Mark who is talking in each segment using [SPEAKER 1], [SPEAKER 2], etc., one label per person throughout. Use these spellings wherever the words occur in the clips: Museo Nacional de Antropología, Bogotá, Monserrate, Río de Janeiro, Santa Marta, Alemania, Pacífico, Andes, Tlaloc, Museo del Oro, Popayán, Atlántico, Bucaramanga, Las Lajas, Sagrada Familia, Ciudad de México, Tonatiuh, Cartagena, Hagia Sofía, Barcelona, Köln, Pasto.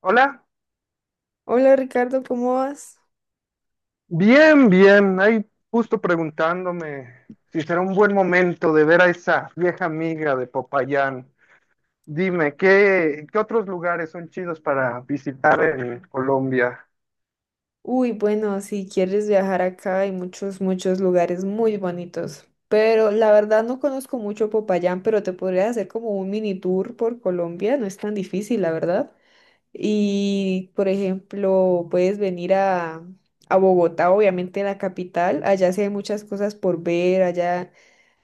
[SPEAKER 1] Hola,
[SPEAKER 2] Hola Ricardo, ¿cómo vas?
[SPEAKER 1] bien, bien. Ahí justo preguntándome si será un buen momento de ver a esa vieja amiga de Popayán. Dime, ¿qué otros lugares son chidos para visitar en Colombia?
[SPEAKER 2] Uy, bueno, si quieres viajar acá hay muchos lugares muy bonitos, pero la verdad no conozco mucho Popayán, pero te podría hacer como un mini tour por Colombia, no es tan difícil, la verdad. Y, por ejemplo, a Bogotá, obviamente la capital, allá sí hay muchas cosas por ver. Allá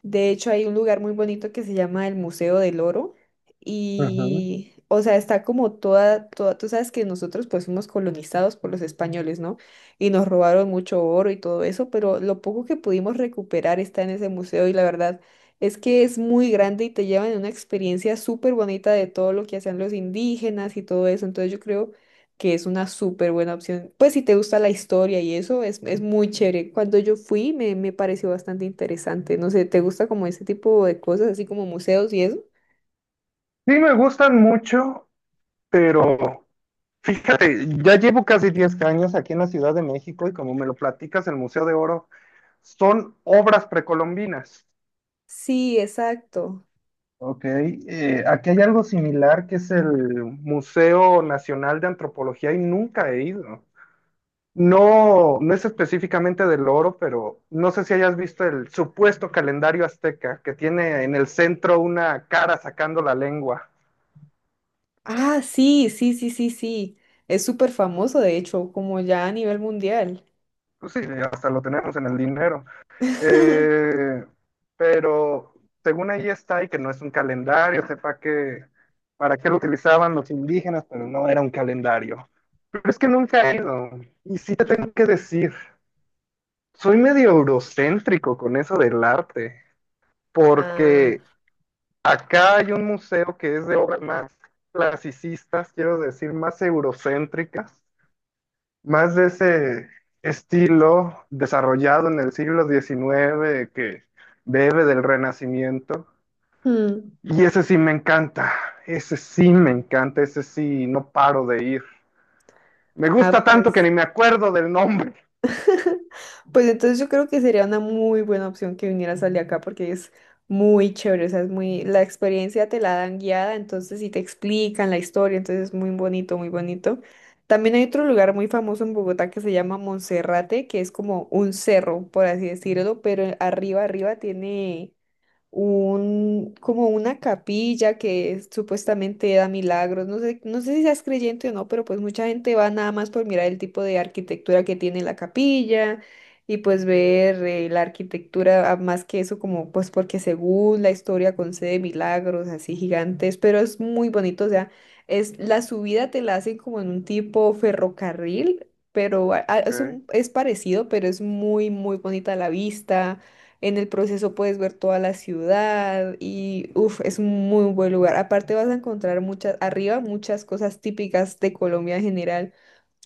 [SPEAKER 2] de hecho, hay un lugar muy bonito que se llama el Museo del Oro
[SPEAKER 1] Ujú.
[SPEAKER 2] y, o sea, está como tú sabes que nosotros pues fuimos colonizados por los españoles, ¿no? Y nos robaron mucho oro y todo eso, pero lo poco que pudimos recuperar está en ese museo, y la verdad es que es muy grande y te llevan en una experiencia súper bonita de todo lo que hacían los indígenas y todo eso. Entonces yo creo que es una súper buena opción. Pues si te gusta la historia y eso, es muy chévere. Cuando yo fui me pareció bastante interesante. No sé, ¿te gusta como ese tipo de cosas, así como museos y eso?
[SPEAKER 1] Sí, me gustan mucho, pero fíjate, ya llevo casi 10 años aquí en la Ciudad de México y como me lo platicas, el Museo de Oro son obras precolombinas.
[SPEAKER 2] Sí, exacto.
[SPEAKER 1] Ok, aquí hay algo similar que es el Museo Nacional de Antropología y nunca he ido. No, no es específicamente del oro, pero no sé si hayas visto el supuesto calendario azteca que tiene en el centro una cara sacando la lengua.
[SPEAKER 2] Ah, sí, sí, sí, sí, sí. Es súper famoso, de hecho, como ya a nivel mundial.
[SPEAKER 1] Pues sí, hasta lo tenemos en el dinero. Eh, pero según ahí está y que no es un calendario, sepa que para qué lo utilizaban los indígenas, pero no era un calendario. Pero es que nunca he ido. Y sí te tengo que decir, soy medio eurocéntrico con eso del arte,
[SPEAKER 2] Ah,
[SPEAKER 1] porque acá hay un museo que es de obras más clasicistas, quiero decir, más eurocéntricas, más de ese estilo desarrollado en el siglo XIX que bebe del Renacimiento.
[SPEAKER 2] mm.
[SPEAKER 1] Y ese sí me encanta, ese sí me encanta, ese sí no paro de ir. Me
[SPEAKER 2] Ah,
[SPEAKER 1] gusta tanto que
[SPEAKER 2] pues
[SPEAKER 1] ni me acuerdo del nombre.
[SPEAKER 2] Pues entonces yo creo que sería una muy buena opción que vinieras al de acá, porque es muy chévere. O sea, es muy, la experiencia te la dan guiada, entonces sí te explican la historia, entonces es muy bonito, muy bonito. También hay otro lugar muy famoso en Bogotá que se llama Monserrate, que es como un cerro, por así decirlo, pero arriba tiene como una capilla que supuestamente da milagros. No sé, no sé si seas creyente o no, pero pues mucha gente va nada más por mirar el tipo de arquitectura que tiene la capilla y pues ver la arquitectura, ah, más que eso, como pues porque según la historia concede milagros así gigantes, pero es muy bonito. O sea, es la subida te la hacen como en un tipo ferrocarril. Pero
[SPEAKER 1] ¿Ok?
[SPEAKER 2] es parecido, pero es muy, muy bonita la vista. En el proceso puedes ver toda la ciudad y uf, es un muy buen lugar. Aparte vas a encontrar muchas, arriba muchas cosas típicas de Colombia en general,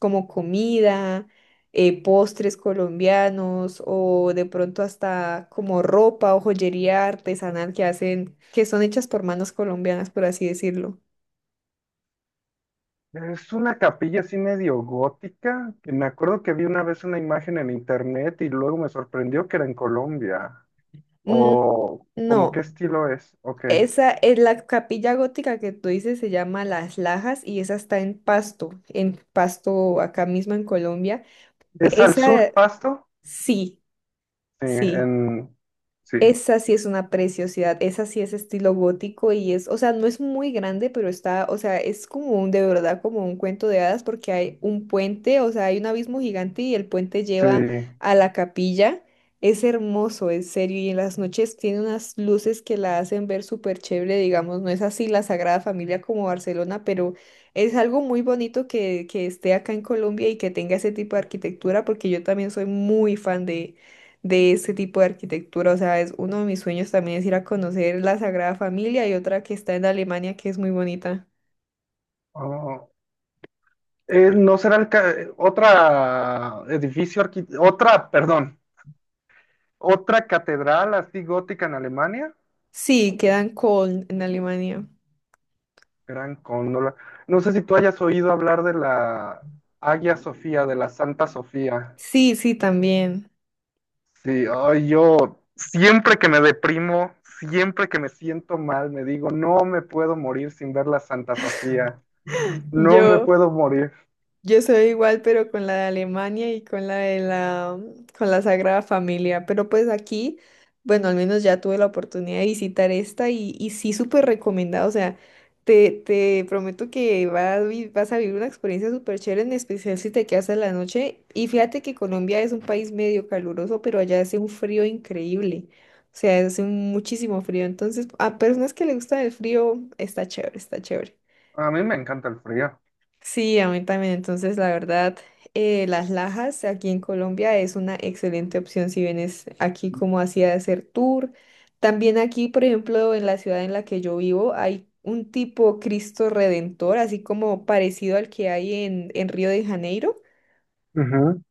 [SPEAKER 2] como comida, postres colombianos o de pronto hasta como ropa o joyería artesanal que hacen, que son hechas por manos colombianas, por así decirlo.
[SPEAKER 1] Es una capilla así medio gótica, que me acuerdo que vi una vez una imagen en internet y luego me sorprendió que era en Colombia.
[SPEAKER 2] Mm,
[SPEAKER 1] O como
[SPEAKER 2] no,
[SPEAKER 1] qué estilo es, ok.
[SPEAKER 2] esa es la capilla gótica que tú dices, se llama Las Lajas, y esa está en Pasto acá mismo en Colombia.
[SPEAKER 1] ¿Es al sur
[SPEAKER 2] Esa,
[SPEAKER 1] Pasto?
[SPEAKER 2] sí,
[SPEAKER 1] Sí,
[SPEAKER 2] sí.
[SPEAKER 1] en... Sí,
[SPEAKER 2] Esa sí es una preciosidad, esa sí es estilo gótico y es, o sea, no es muy grande, pero está, o sea, es como un, de verdad, como un cuento de hadas, porque hay un puente, o sea, hay un abismo gigante y el puente
[SPEAKER 1] sí.
[SPEAKER 2] lleva a la capilla. Es hermoso, en serio, y en las noches tiene unas luces que la hacen ver súper chévere, digamos, no es así la Sagrada Familia como Barcelona, pero es algo muy bonito que esté acá en Colombia y que tenga ese tipo de arquitectura, porque yo también soy muy fan de este tipo de arquitectura. O sea, es uno de mis sueños también es ir a conocer la Sagrada Familia y otra que está en Alemania que es muy bonita.
[SPEAKER 1] Oh, ¿no será el otra edificio, otra, perdón, otra catedral así gótica en Alemania?
[SPEAKER 2] Sí, queda en Köln, en Alemania.
[SPEAKER 1] Gran Cóndola. No sé si tú hayas oído hablar de la Hagia Sofía, de la Santa Sofía.
[SPEAKER 2] Sí, sí, también.
[SPEAKER 1] Sí, ay, yo siempre que me deprimo, siempre que me siento mal, me digo, no me puedo morir sin ver la Santa Sofía, no me
[SPEAKER 2] Yo.
[SPEAKER 1] puedo morir.
[SPEAKER 2] Yo soy igual, pero con la de Alemania y con la de la, mm, con la Sagrada Familia. Pero pues aquí, bueno, al menos ya tuve la oportunidad de visitar esta y sí, súper recomendada. O sea, te prometo que vas a vivir una experiencia súper chévere, en especial si te quedas en la noche. Y fíjate que Colombia es un país medio caluroso, pero allá hace un frío increíble. O sea, hace muchísimo frío. Entonces, a personas que les gusta el frío, está chévere, está chévere.
[SPEAKER 1] A mí me encanta el frío.
[SPEAKER 2] Sí, a mí también. Entonces, la verdad, las lajas aquí en Colombia es una excelente opción si vienes aquí como así a hacer tour. También aquí, por ejemplo, en la ciudad en la que yo vivo, hay un tipo Cristo Redentor, así como parecido al que hay en Río de Janeiro.
[SPEAKER 1] Ujú.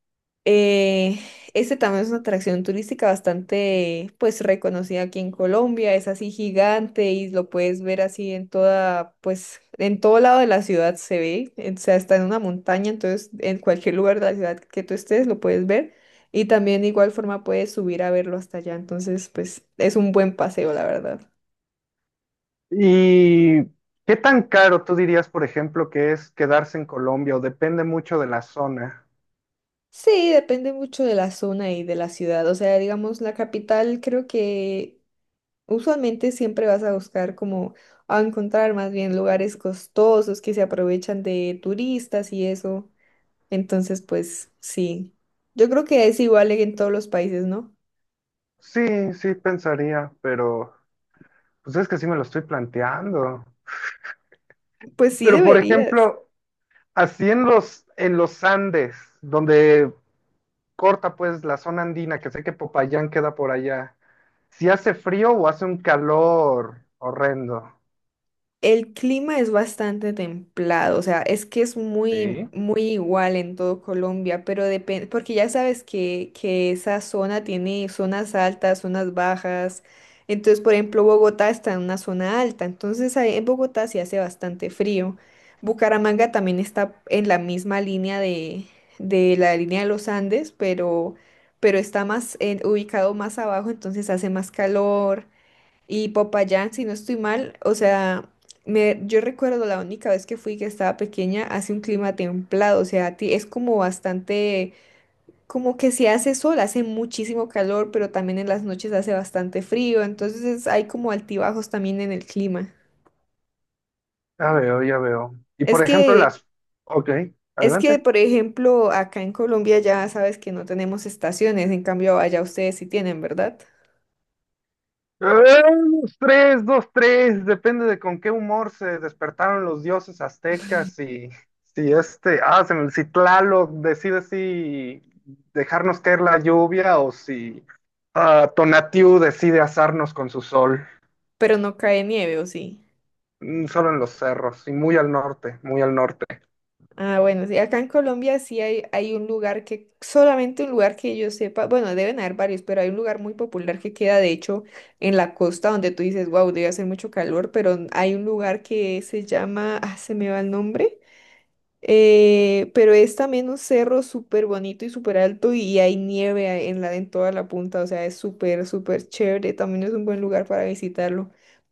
[SPEAKER 2] Eh, este también es una atracción turística bastante, pues, reconocida aquí en Colombia. Es así gigante y lo puedes ver así en toda, pues, en todo lado de la ciudad se ve. O sea, está en una montaña, entonces en cualquier lugar de la ciudad que tú estés lo puedes ver. Y también de igual forma puedes subir a verlo hasta allá. Entonces, pues, es un buen paseo, la verdad.
[SPEAKER 1] ¿Y qué tan caro tú dirías, por ejemplo, que es quedarse en Colombia o depende mucho de la zona?
[SPEAKER 2] Sí, depende mucho de la zona y de la ciudad. O sea, digamos, la capital creo que usualmente siempre vas a buscar como a encontrar más bien lugares costosos que se aprovechan de turistas y eso. Entonces, pues sí, yo creo que es igual en todos los países, ¿no?
[SPEAKER 1] Sí, sí, pensaría, pero pues es que sí me lo estoy planteando.
[SPEAKER 2] Pues sí
[SPEAKER 1] Pero, por
[SPEAKER 2] deberías.
[SPEAKER 1] ejemplo, así en los Andes, donde corta pues la zona andina, que sé que Popayán queda por allá, si hace frío o hace un calor horrendo.
[SPEAKER 2] El clima es bastante templado, o sea, es que es muy,
[SPEAKER 1] Sí.
[SPEAKER 2] muy igual en todo Colombia, pero depende, porque ya sabes que esa zona tiene zonas altas, zonas bajas. Entonces, por ejemplo, Bogotá está en una zona alta, entonces ahí en Bogotá sí hace bastante frío. Bucaramanga también está en la misma línea de la línea de los Andes, pero está más, ubicado más abajo, entonces hace más calor. Y Popayán, si no estoy mal, o sea, me, yo recuerdo la única vez que fui que estaba pequeña, hace un clima templado, o sea, es como bastante, como que si hace sol, hace muchísimo calor, pero también en las noches hace bastante frío, entonces hay como altibajos también en el clima.
[SPEAKER 1] Ya veo, ya veo. Y por
[SPEAKER 2] Es
[SPEAKER 1] ejemplo
[SPEAKER 2] que,
[SPEAKER 1] las... Ok, adelante.
[SPEAKER 2] por ejemplo, acá en Colombia ya sabes que no tenemos estaciones, en cambio allá ustedes sí tienen, ¿verdad?
[SPEAKER 1] ¡Eh! Dos, tres, dos, tres, depende de con qué humor se despertaron los dioses aztecas y si este, ah, se si Tlaloc decide si dejarnos caer la lluvia o si Tonatiuh decide asarnos con su sol.
[SPEAKER 2] Pero no cae nieve, ¿o sí?
[SPEAKER 1] Mm, solo en los cerros y muy al norte, muy al norte.
[SPEAKER 2] Ah, bueno, sí, acá en Colombia sí hay un lugar que, solamente un lugar que yo sepa, bueno, deben haber varios, pero hay un lugar muy popular que queda, de hecho, en la costa donde tú dices, wow, debe hacer mucho calor, pero hay un lugar que se llama, ah, se me va el nombre. Pero es también un cerro súper bonito y súper alto y hay nieve en la, en toda la punta, o sea, es súper, súper chévere, también es un buen lugar para visitarlo.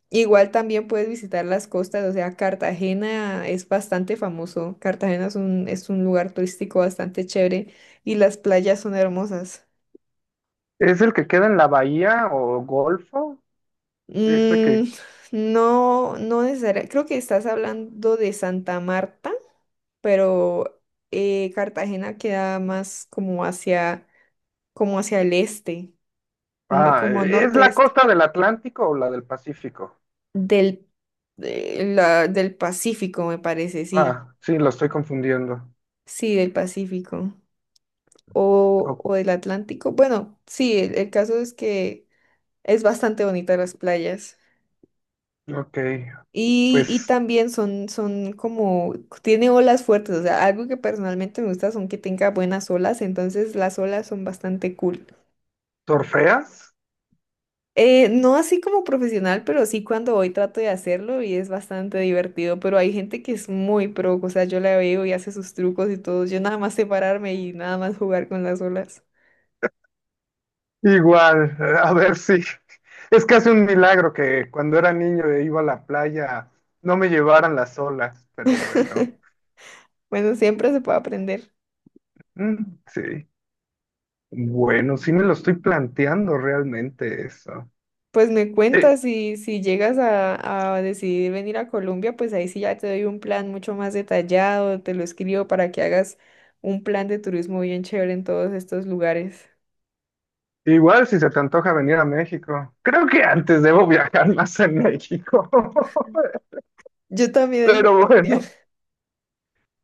[SPEAKER 2] Igual también puedes visitar las costas, o sea, Cartagena es bastante famoso, Cartagena es un lugar turístico bastante chévere y las playas son hermosas.
[SPEAKER 1] ¿Es el que queda en la bahía o Golfo? Ese que...
[SPEAKER 2] Mm, no, no necesariamente, creo que estás hablando de Santa Marta, pero Cartagena queda más como hacia el este,
[SPEAKER 1] Ah,
[SPEAKER 2] como
[SPEAKER 1] ¿es la
[SPEAKER 2] norte-este,
[SPEAKER 1] costa del Atlántico o la del Pacífico?
[SPEAKER 2] del, del Pacífico, me parece, sí,
[SPEAKER 1] Ah, sí, lo estoy confundiendo.
[SPEAKER 2] sí, del Pacífico
[SPEAKER 1] O-
[SPEAKER 2] o del Atlántico. Bueno, sí, el caso es que es bastante bonita las playas.
[SPEAKER 1] ok,
[SPEAKER 2] Y
[SPEAKER 1] pues
[SPEAKER 2] también son, son como, tiene olas fuertes, o sea, algo que personalmente me gusta son que tenga buenas olas, entonces las olas son bastante cool.
[SPEAKER 1] ¿torfeas?
[SPEAKER 2] No así como profesional, pero sí cuando voy trato de hacerlo y es bastante divertido, pero hay gente que es muy pro, o sea, yo la veo y hace sus trucos y todo, yo nada más sé pararme y nada más jugar con las olas.
[SPEAKER 1] Igual, a ver si... Es casi un milagro que cuando era niño e iba a la playa no me llevaran las olas, pero bueno,
[SPEAKER 2] Bueno, siempre se puede aprender.
[SPEAKER 1] mm, sí. Bueno, sí me lo estoy planteando realmente eso.
[SPEAKER 2] Pues me
[SPEAKER 1] Eh,
[SPEAKER 2] cuentas si, si llegas a decidir venir a Colombia, pues ahí sí ya te doy un plan mucho más detallado, te lo escribo para que hagas un plan de turismo bien chévere en todos estos lugares.
[SPEAKER 1] Igual si se te antoja venir a México. Creo que antes debo viajar más en México.
[SPEAKER 2] Yo también en
[SPEAKER 1] Pero bueno,
[SPEAKER 2] Colombia.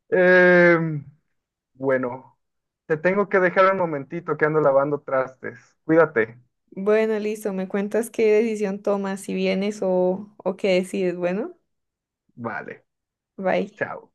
[SPEAKER 1] eh, bueno, te tengo que dejar un momentito que ando lavando trastes. Cuídate.
[SPEAKER 2] Bueno, listo, me cuentas qué decisión tomas, si vienes o qué decides. Bueno,
[SPEAKER 1] Vale,
[SPEAKER 2] bye.
[SPEAKER 1] chao.